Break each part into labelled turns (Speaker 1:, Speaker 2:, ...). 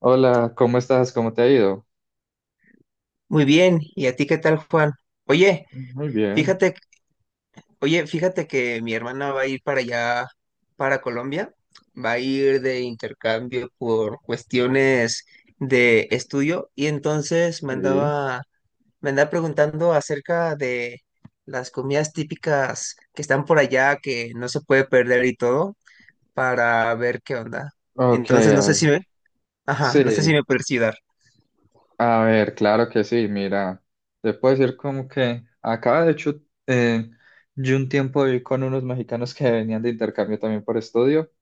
Speaker 1: Hola, ¿cómo estás? ¿Cómo te ha ido?
Speaker 2: Muy bien, ¿y a ti qué tal, Juan? Oye,
Speaker 1: Muy bien,
Speaker 2: fíjate, oye, fíjate que mi hermana va a ir para allá, para Colombia, va a ir de intercambio por cuestiones de estudio y entonces me
Speaker 1: sí.
Speaker 2: andaba, me andaba preguntando acerca de las comidas típicas que están por allá, que no se puede perder y todo, para ver qué onda.
Speaker 1: Ok,
Speaker 2: Entonces, no
Speaker 1: a
Speaker 2: sé
Speaker 1: ver,
Speaker 2: si me, ajá, no sé si
Speaker 1: sí,
Speaker 2: me puedes ayudar.
Speaker 1: a ver, claro que sí, mira, te puedo decir como que acá de hecho eh, yo un tiempo viví con unos mexicanos que venían de intercambio también por estudio,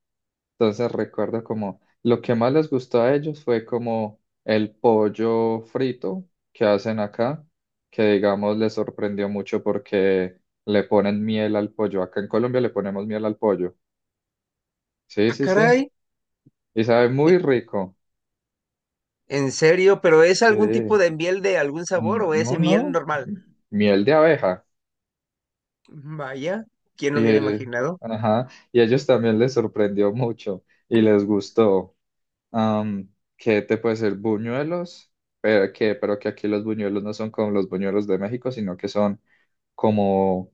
Speaker 1: entonces recuerdo como lo que más les gustó a ellos fue como el pollo frito que hacen acá, que digamos les sorprendió mucho porque le ponen miel al pollo, acá en Colombia le ponemos miel al pollo, sí,
Speaker 2: Ah,
Speaker 1: sí, sí.
Speaker 2: caray.
Speaker 1: Y sabe muy rico.
Speaker 2: En serio, pero ¿es algún tipo
Speaker 1: Sí.
Speaker 2: de miel de algún sabor o es
Speaker 1: No,
Speaker 2: miel
Speaker 1: no.
Speaker 2: normal?
Speaker 1: m- Miel de abeja.
Speaker 2: Vaya, ¿quién lo
Speaker 1: Y,
Speaker 2: hubiera
Speaker 1: eh,
Speaker 2: imaginado?
Speaker 1: ajá. Y a ellos también les sorprendió mucho y les gustó. Am, ¿Qué te puede ser? Buñuelos. Pero que aquí los buñuelos no son como los buñuelos de México, sino que son como,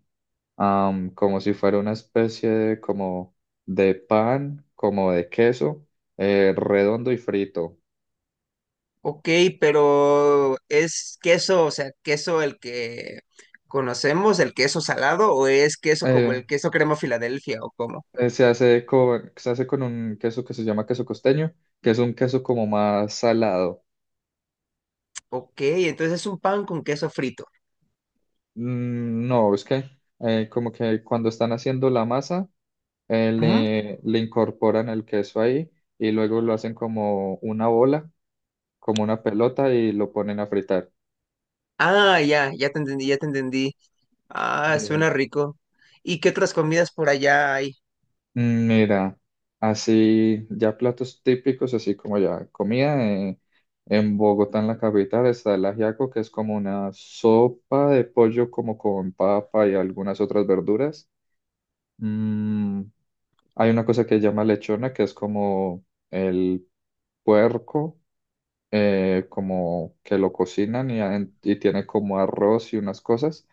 Speaker 1: como si fuera una especie de, como de pan, como de queso, redondo y frito.
Speaker 2: Ok, pero ¿es queso, o sea, queso el que conocemos, el queso salado, o es queso como
Speaker 1: Eh,
Speaker 2: el queso crema Filadelfia o cómo?
Speaker 1: Se hace se hace con un queso que se llama queso costeño, que es un queso como más salado.
Speaker 2: Ok, entonces es un pan con queso frito.
Speaker 1: No, es que como que cuando están haciendo la masa,
Speaker 2: Ujú.
Speaker 1: le incorporan el queso ahí y luego lo hacen como una bola, como una pelota y lo ponen a fritar.
Speaker 2: Ah, ya, ya te entendí, ya te entendí. Ah,
Speaker 1: Eh,
Speaker 2: suena rico. ¿Y qué otras comidas por allá hay?
Speaker 1: Mira, así ya platos típicos, así como ya comida en Bogotá, en la capital, está el ajiaco, que es como una sopa de pollo como con papa y algunas otras verduras. Mm, Hay una cosa que se llama lechona, que es como el puerco, como que lo cocinan y tiene como arroz y unas cosas.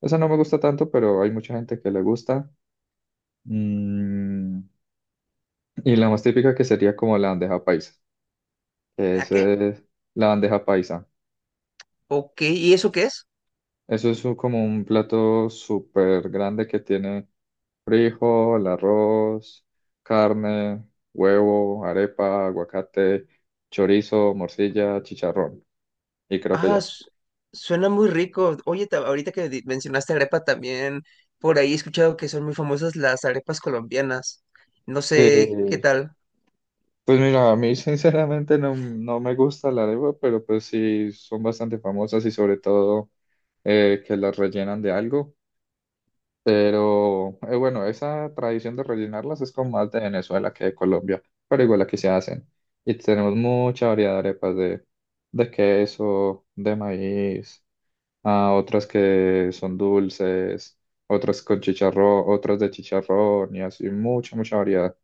Speaker 1: Esa no me gusta tanto, pero hay mucha gente que le gusta. Mm, Y la más típica que sería como la bandeja paisa, que
Speaker 2: ¿La
Speaker 1: es
Speaker 2: qué?
Speaker 1: la bandeja paisa.
Speaker 2: Ok, ¿y eso qué es?
Speaker 1: Eso es como un plato súper grande que tiene frijol, arroz, carne, huevo, arepa, aguacate, chorizo, morcilla, chicharrón. Y creo que
Speaker 2: Ah,
Speaker 1: ya.
Speaker 2: suena muy rico. Oye, ahorita que mencionaste arepa también, por ahí he escuchado que son muy famosas las arepas colombianas. No sé qué
Speaker 1: Sí,
Speaker 2: tal.
Speaker 1: pues mira, a mí sinceramente no, no me gusta la arepa, pero pues sí son bastante famosas y sobre todo que las rellenan de algo. Pero bueno, esa tradición de rellenarlas es como más de Venezuela que de Colombia, pero igual aquí se hacen. Y tenemos mucha variedad de arepas de queso, de maíz, ah, otras que son dulces, otras con chicharrón, otras de chicharrón y así, mucha, mucha variedad.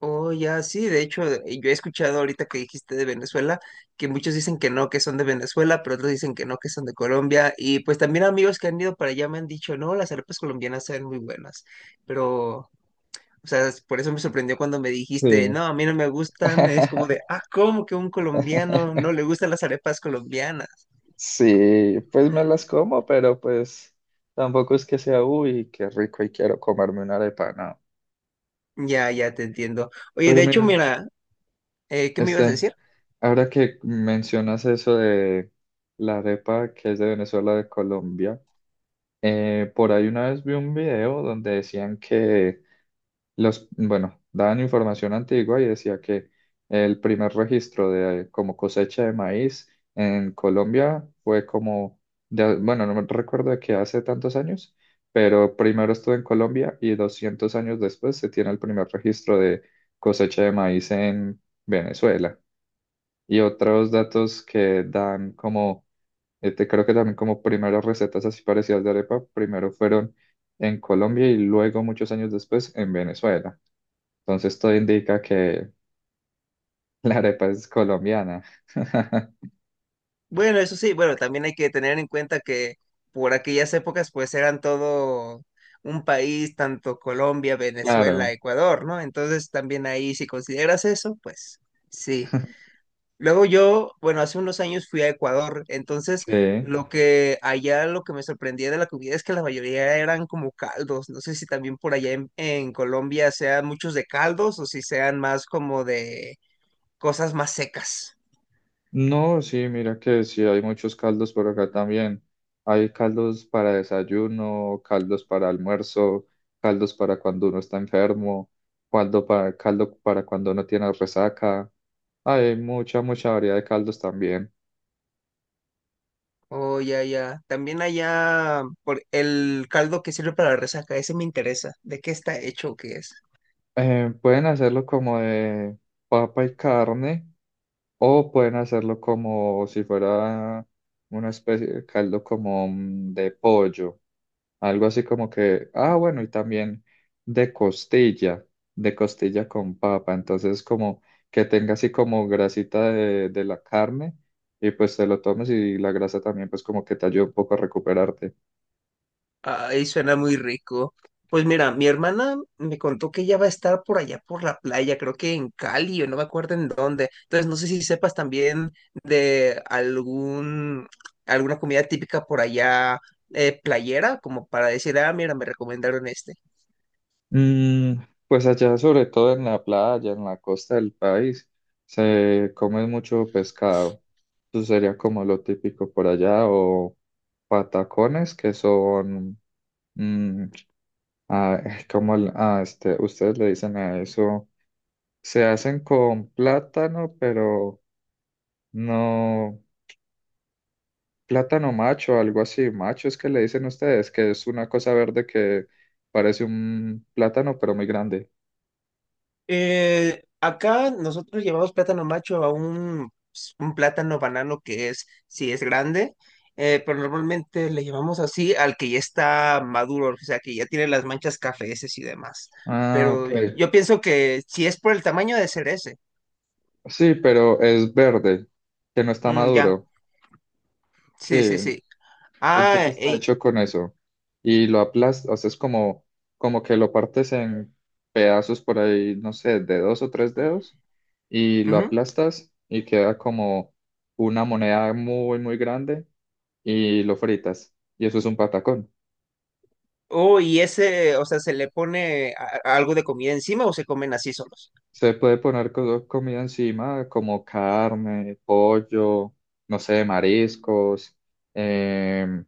Speaker 2: Oh, ya, sí, de hecho, yo he escuchado ahorita que dijiste de Venezuela, que muchos dicen que no, que son de Venezuela, pero otros dicen que no, que son de Colombia. Y pues también amigos que han ido para allá me han dicho, no, las arepas colombianas saben muy buenas. Pero O sea, por eso me sorprendió cuando me dijiste,
Speaker 1: Sí.
Speaker 2: no, a mí no me gustan. Es como de, ah, ¿cómo que un colombiano no le gustan las arepas colombianas?
Speaker 1: Sí, pues me las como, pero pues tampoco es que sea, uy, qué rico y quiero comerme una arepa, no.
Speaker 2: Ya, ya te entiendo. Oye,
Speaker 1: Pero
Speaker 2: de hecho,
Speaker 1: mira.
Speaker 2: mira, ¿qué me ibas a
Speaker 1: Este,
Speaker 2: decir?
Speaker 1: ahora que mencionas eso de la arepa que es de Venezuela, de Colombia, por ahí una vez vi un video donde decían que bueno, daban información antigua y decía que el primer registro de como cosecha de maíz en Colombia fue como, de, bueno, no me recuerdo de qué hace tantos años, pero primero estuvo en Colombia y 200 años después se tiene el primer registro de cosecha de maíz en Venezuela y otros datos que dan como, creo que también como primeras recetas así parecidas de arepa, primero fueron en Colombia y luego muchos años después en Venezuela. Entonces todo indica que la arepa es colombiana.
Speaker 2: Bueno, eso sí, bueno, también hay que tener en cuenta que por aquellas épocas, pues eran todo un país, tanto Colombia, Venezuela,
Speaker 1: Claro.
Speaker 2: Ecuador, ¿no? Entonces, también ahí, si consideras eso, pues sí. Luego yo, bueno, hace unos años fui a Ecuador, entonces
Speaker 1: Sí.
Speaker 2: lo que allá lo que me sorprendía de la comida es que la mayoría eran como caldos. No sé si también por allá en Colombia sean muchos de caldos o si sean más como de cosas más secas.
Speaker 1: No, sí, mira que sí, hay muchos caldos por acá también. Hay caldos para desayuno, caldos para almuerzo, caldos para cuando uno está enfermo, caldo para cuando uno tiene resaca. Hay mucha, mucha variedad de caldos también.
Speaker 2: Oh, ya, ya. También allá por el caldo que sirve para la resaca, ese me interesa. ¿De qué está hecho o qué es?
Speaker 1: Pueden hacerlo como de papa y carne o pueden hacerlo como si fuera una especie de caldo como de pollo, algo así como que, ah, bueno, y también de costilla, de costilla con papa, entonces como que tenga así como grasita de la carne y pues te lo tomes y la grasa también pues como que te ayuda un poco a recuperarte.
Speaker 2: Ay, suena muy rico. Pues mira, mi hermana me contó que ella va a estar por allá por la playa, creo que en Cali o no me acuerdo en dónde. Entonces no sé si sepas también de algún alguna comida típica por allá, playera, como para decir, ah, mira, me recomendaron este.
Speaker 1: Mm, pues allá, sobre todo en la playa, en la costa del país, se come mucho pescado. Eso sería como lo típico por allá, o patacones, que son, mm, como ah, este, ustedes le dicen a eso, se hacen con plátano, pero no, plátano macho, algo así, macho es que le dicen ustedes, que es una cosa verde que parece un plátano, pero muy grande.
Speaker 2: Acá nosotros llevamos plátano macho pues, un plátano banano que es, sí es grande, pero normalmente le llevamos así al que ya está maduro, o sea, que ya tiene las manchas cafeces y demás.
Speaker 1: Ah, ok.
Speaker 2: Pero yo pienso que si es por el tamaño de ser ese,
Speaker 1: Sí, pero es verde, que no está
Speaker 2: mm, ya,
Speaker 1: maduro.
Speaker 2: sí, sí,
Speaker 1: Sí,
Speaker 2: sí. Ah,
Speaker 1: entonces está
Speaker 2: ey,
Speaker 1: hecho con eso. Y lo aplastas, o sea, es como, como que lo partes en pedazos por ahí, no sé, de dos o tres dedos, y lo
Speaker 2: ujú.
Speaker 1: aplastas y queda como una moneda muy, muy grande y lo fritas. Y eso es un patacón.
Speaker 2: Oh, y ese, o sea, ¿se le pone a algo de comida encima o se comen así solos?
Speaker 1: Se puede poner comida encima, como carne, pollo, no sé, mariscos. em,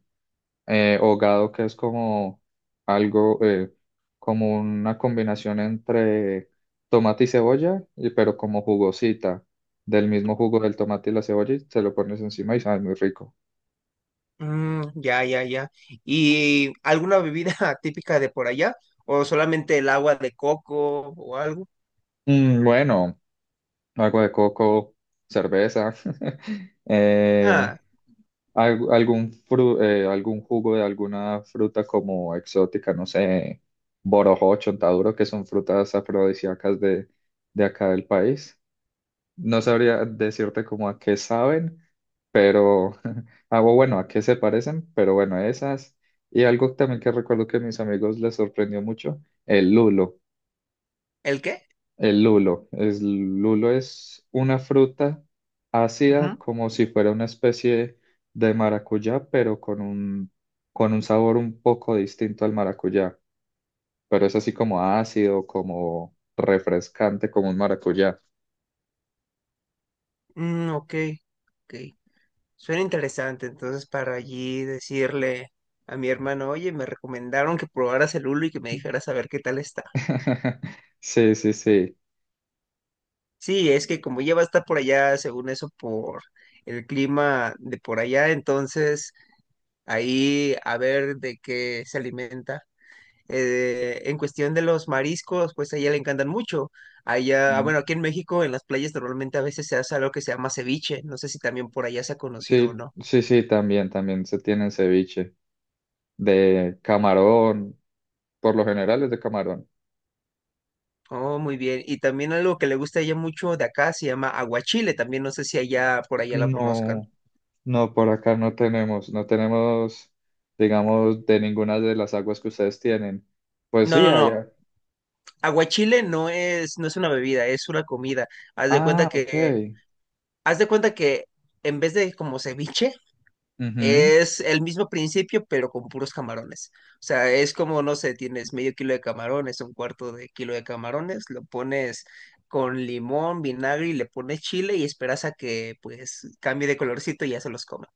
Speaker 1: o que es como algo, como una combinación entre tomate y cebolla, pero como jugosita, del mismo jugo del tomate y la cebolla, y se lo pones encima y sabe muy rico.
Speaker 2: Mm, ya, ya, ya. ¿Y alguna bebida típica de por allá? ¿O solamente el agua de coco o algo?
Speaker 1: Bueno, agua de coco, cerveza, eh,
Speaker 2: Ah,
Speaker 1: algún, algún jugo de alguna fruta como exótica, no sé, borojó, chontaduro, que son frutas afrodisíacas de acá del país. No sabría decirte como a qué saben, pero hago bueno, a qué se parecen, pero bueno, esas. Y algo también que recuerdo que a mis amigos les sorprendió mucho, el lulo.
Speaker 2: ¿el qué?
Speaker 1: El lulo. El lulo es una fruta
Speaker 2: Ujú.
Speaker 1: ácida como si fuera una especie de maracuyá, pero con un sabor un poco distinto al maracuyá. Pero es así como ácido, como refrescante, como un maracuyá.
Speaker 2: Mm, ok, ok. Suena interesante. Entonces, para allí decirle a mi hermano, oye, me recomendaron que probaras el hulo y que me dijeras a ver qué tal está.
Speaker 1: Sí, sí, sí.
Speaker 2: Sí, es que como ya va a estar por allá, según eso, por el clima de por allá, entonces ahí a ver de qué se alimenta. En cuestión de los mariscos, pues a ella le encantan mucho. Allá,
Speaker 1: Mm.
Speaker 2: bueno, aquí en México, en las playas normalmente a veces se hace algo que se llama ceviche. No sé si también por allá se ha conocido o
Speaker 1: Sí,
Speaker 2: no.
Speaker 1: sí, sí, también, también se tiene ceviche de camarón, por lo general es de camarón.
Speaker 2: Oh, muy bien. Y también algo que le gusta a ella mucho de acá se llama aguachile. También no sé si allá por allá la conozcan.
Speaker 1: No, no, por acá no tenemos, no tenemos, digamos, de ninguna de las aguas que ustedes tienen. Pues
Speaker 2: No,
Speaker 1: sí,
Speaker 2: no, no.
Speaker 1: allá.
Speaker 2: Aguachile no es, no es una bebida, es una comida. Haz de cuenta
Speaker 1: Ah,
Speaker 2: que,
Speaker 1: ok.
Speaker 2: haz de cuenta que en vez de como ceviche,
Speaker 1: Ujú.
Speaker 2: es el mismo principio, pero con puros camarones. O sea, es como, no sé, tienes medio kilo de camarones, un cuarto de kilo de camarones, lo pones con limón, vinagre y le pones chile y esperas a que pues cambie de colorcito y ya se los come.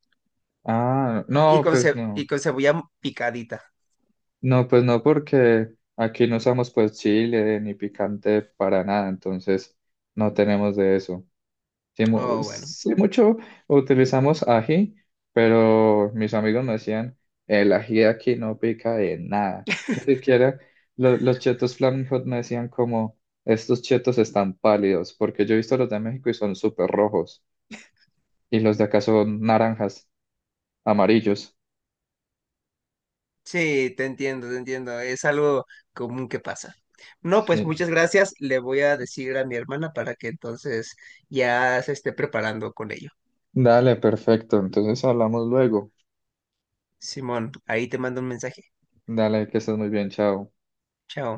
Speaker 1: Ah,
Speaker 2: Y con, y
Speaker 1: no,
Speaker 2: con
Speaker 1: pues
Speaker 2: ce- y
Speaker 1: no.
Speaker 2: con cebolla picadita.
Speaker 1: No, pues no, porque aquí no usamos pues chile ni picante para nada, entonces no tenemos de eso. Sí,
Speaker 2: Oh, bueno.
Speaker 1: sí, mucho utilizamos ají, pero mis amigos me decían, el ají aquí no pica de nada. Ni siquiera los chetos Flaming Hot, me decían, como, estos chetos están pálidos, porque yo he visto los de México y son súper rojos, y los de acá son naranjas, amarillos.
Speaker 2: Sí, te entiendo, te entiendo. Es algo común que pasa. No, pues
Speaker 1: Sí.
Speaker 2: muchas gracias. Le voy a decir a mi hermana para que entonces ya se esté preparando con ello.
Speaker 1: Dale, perfecto. Entonces hablamos luego.
Speaker 2: Simón, ahí te mando un mensaje.
Speaker 1: Dale, que estés muy bien, chao.
Speaker 2: Chao.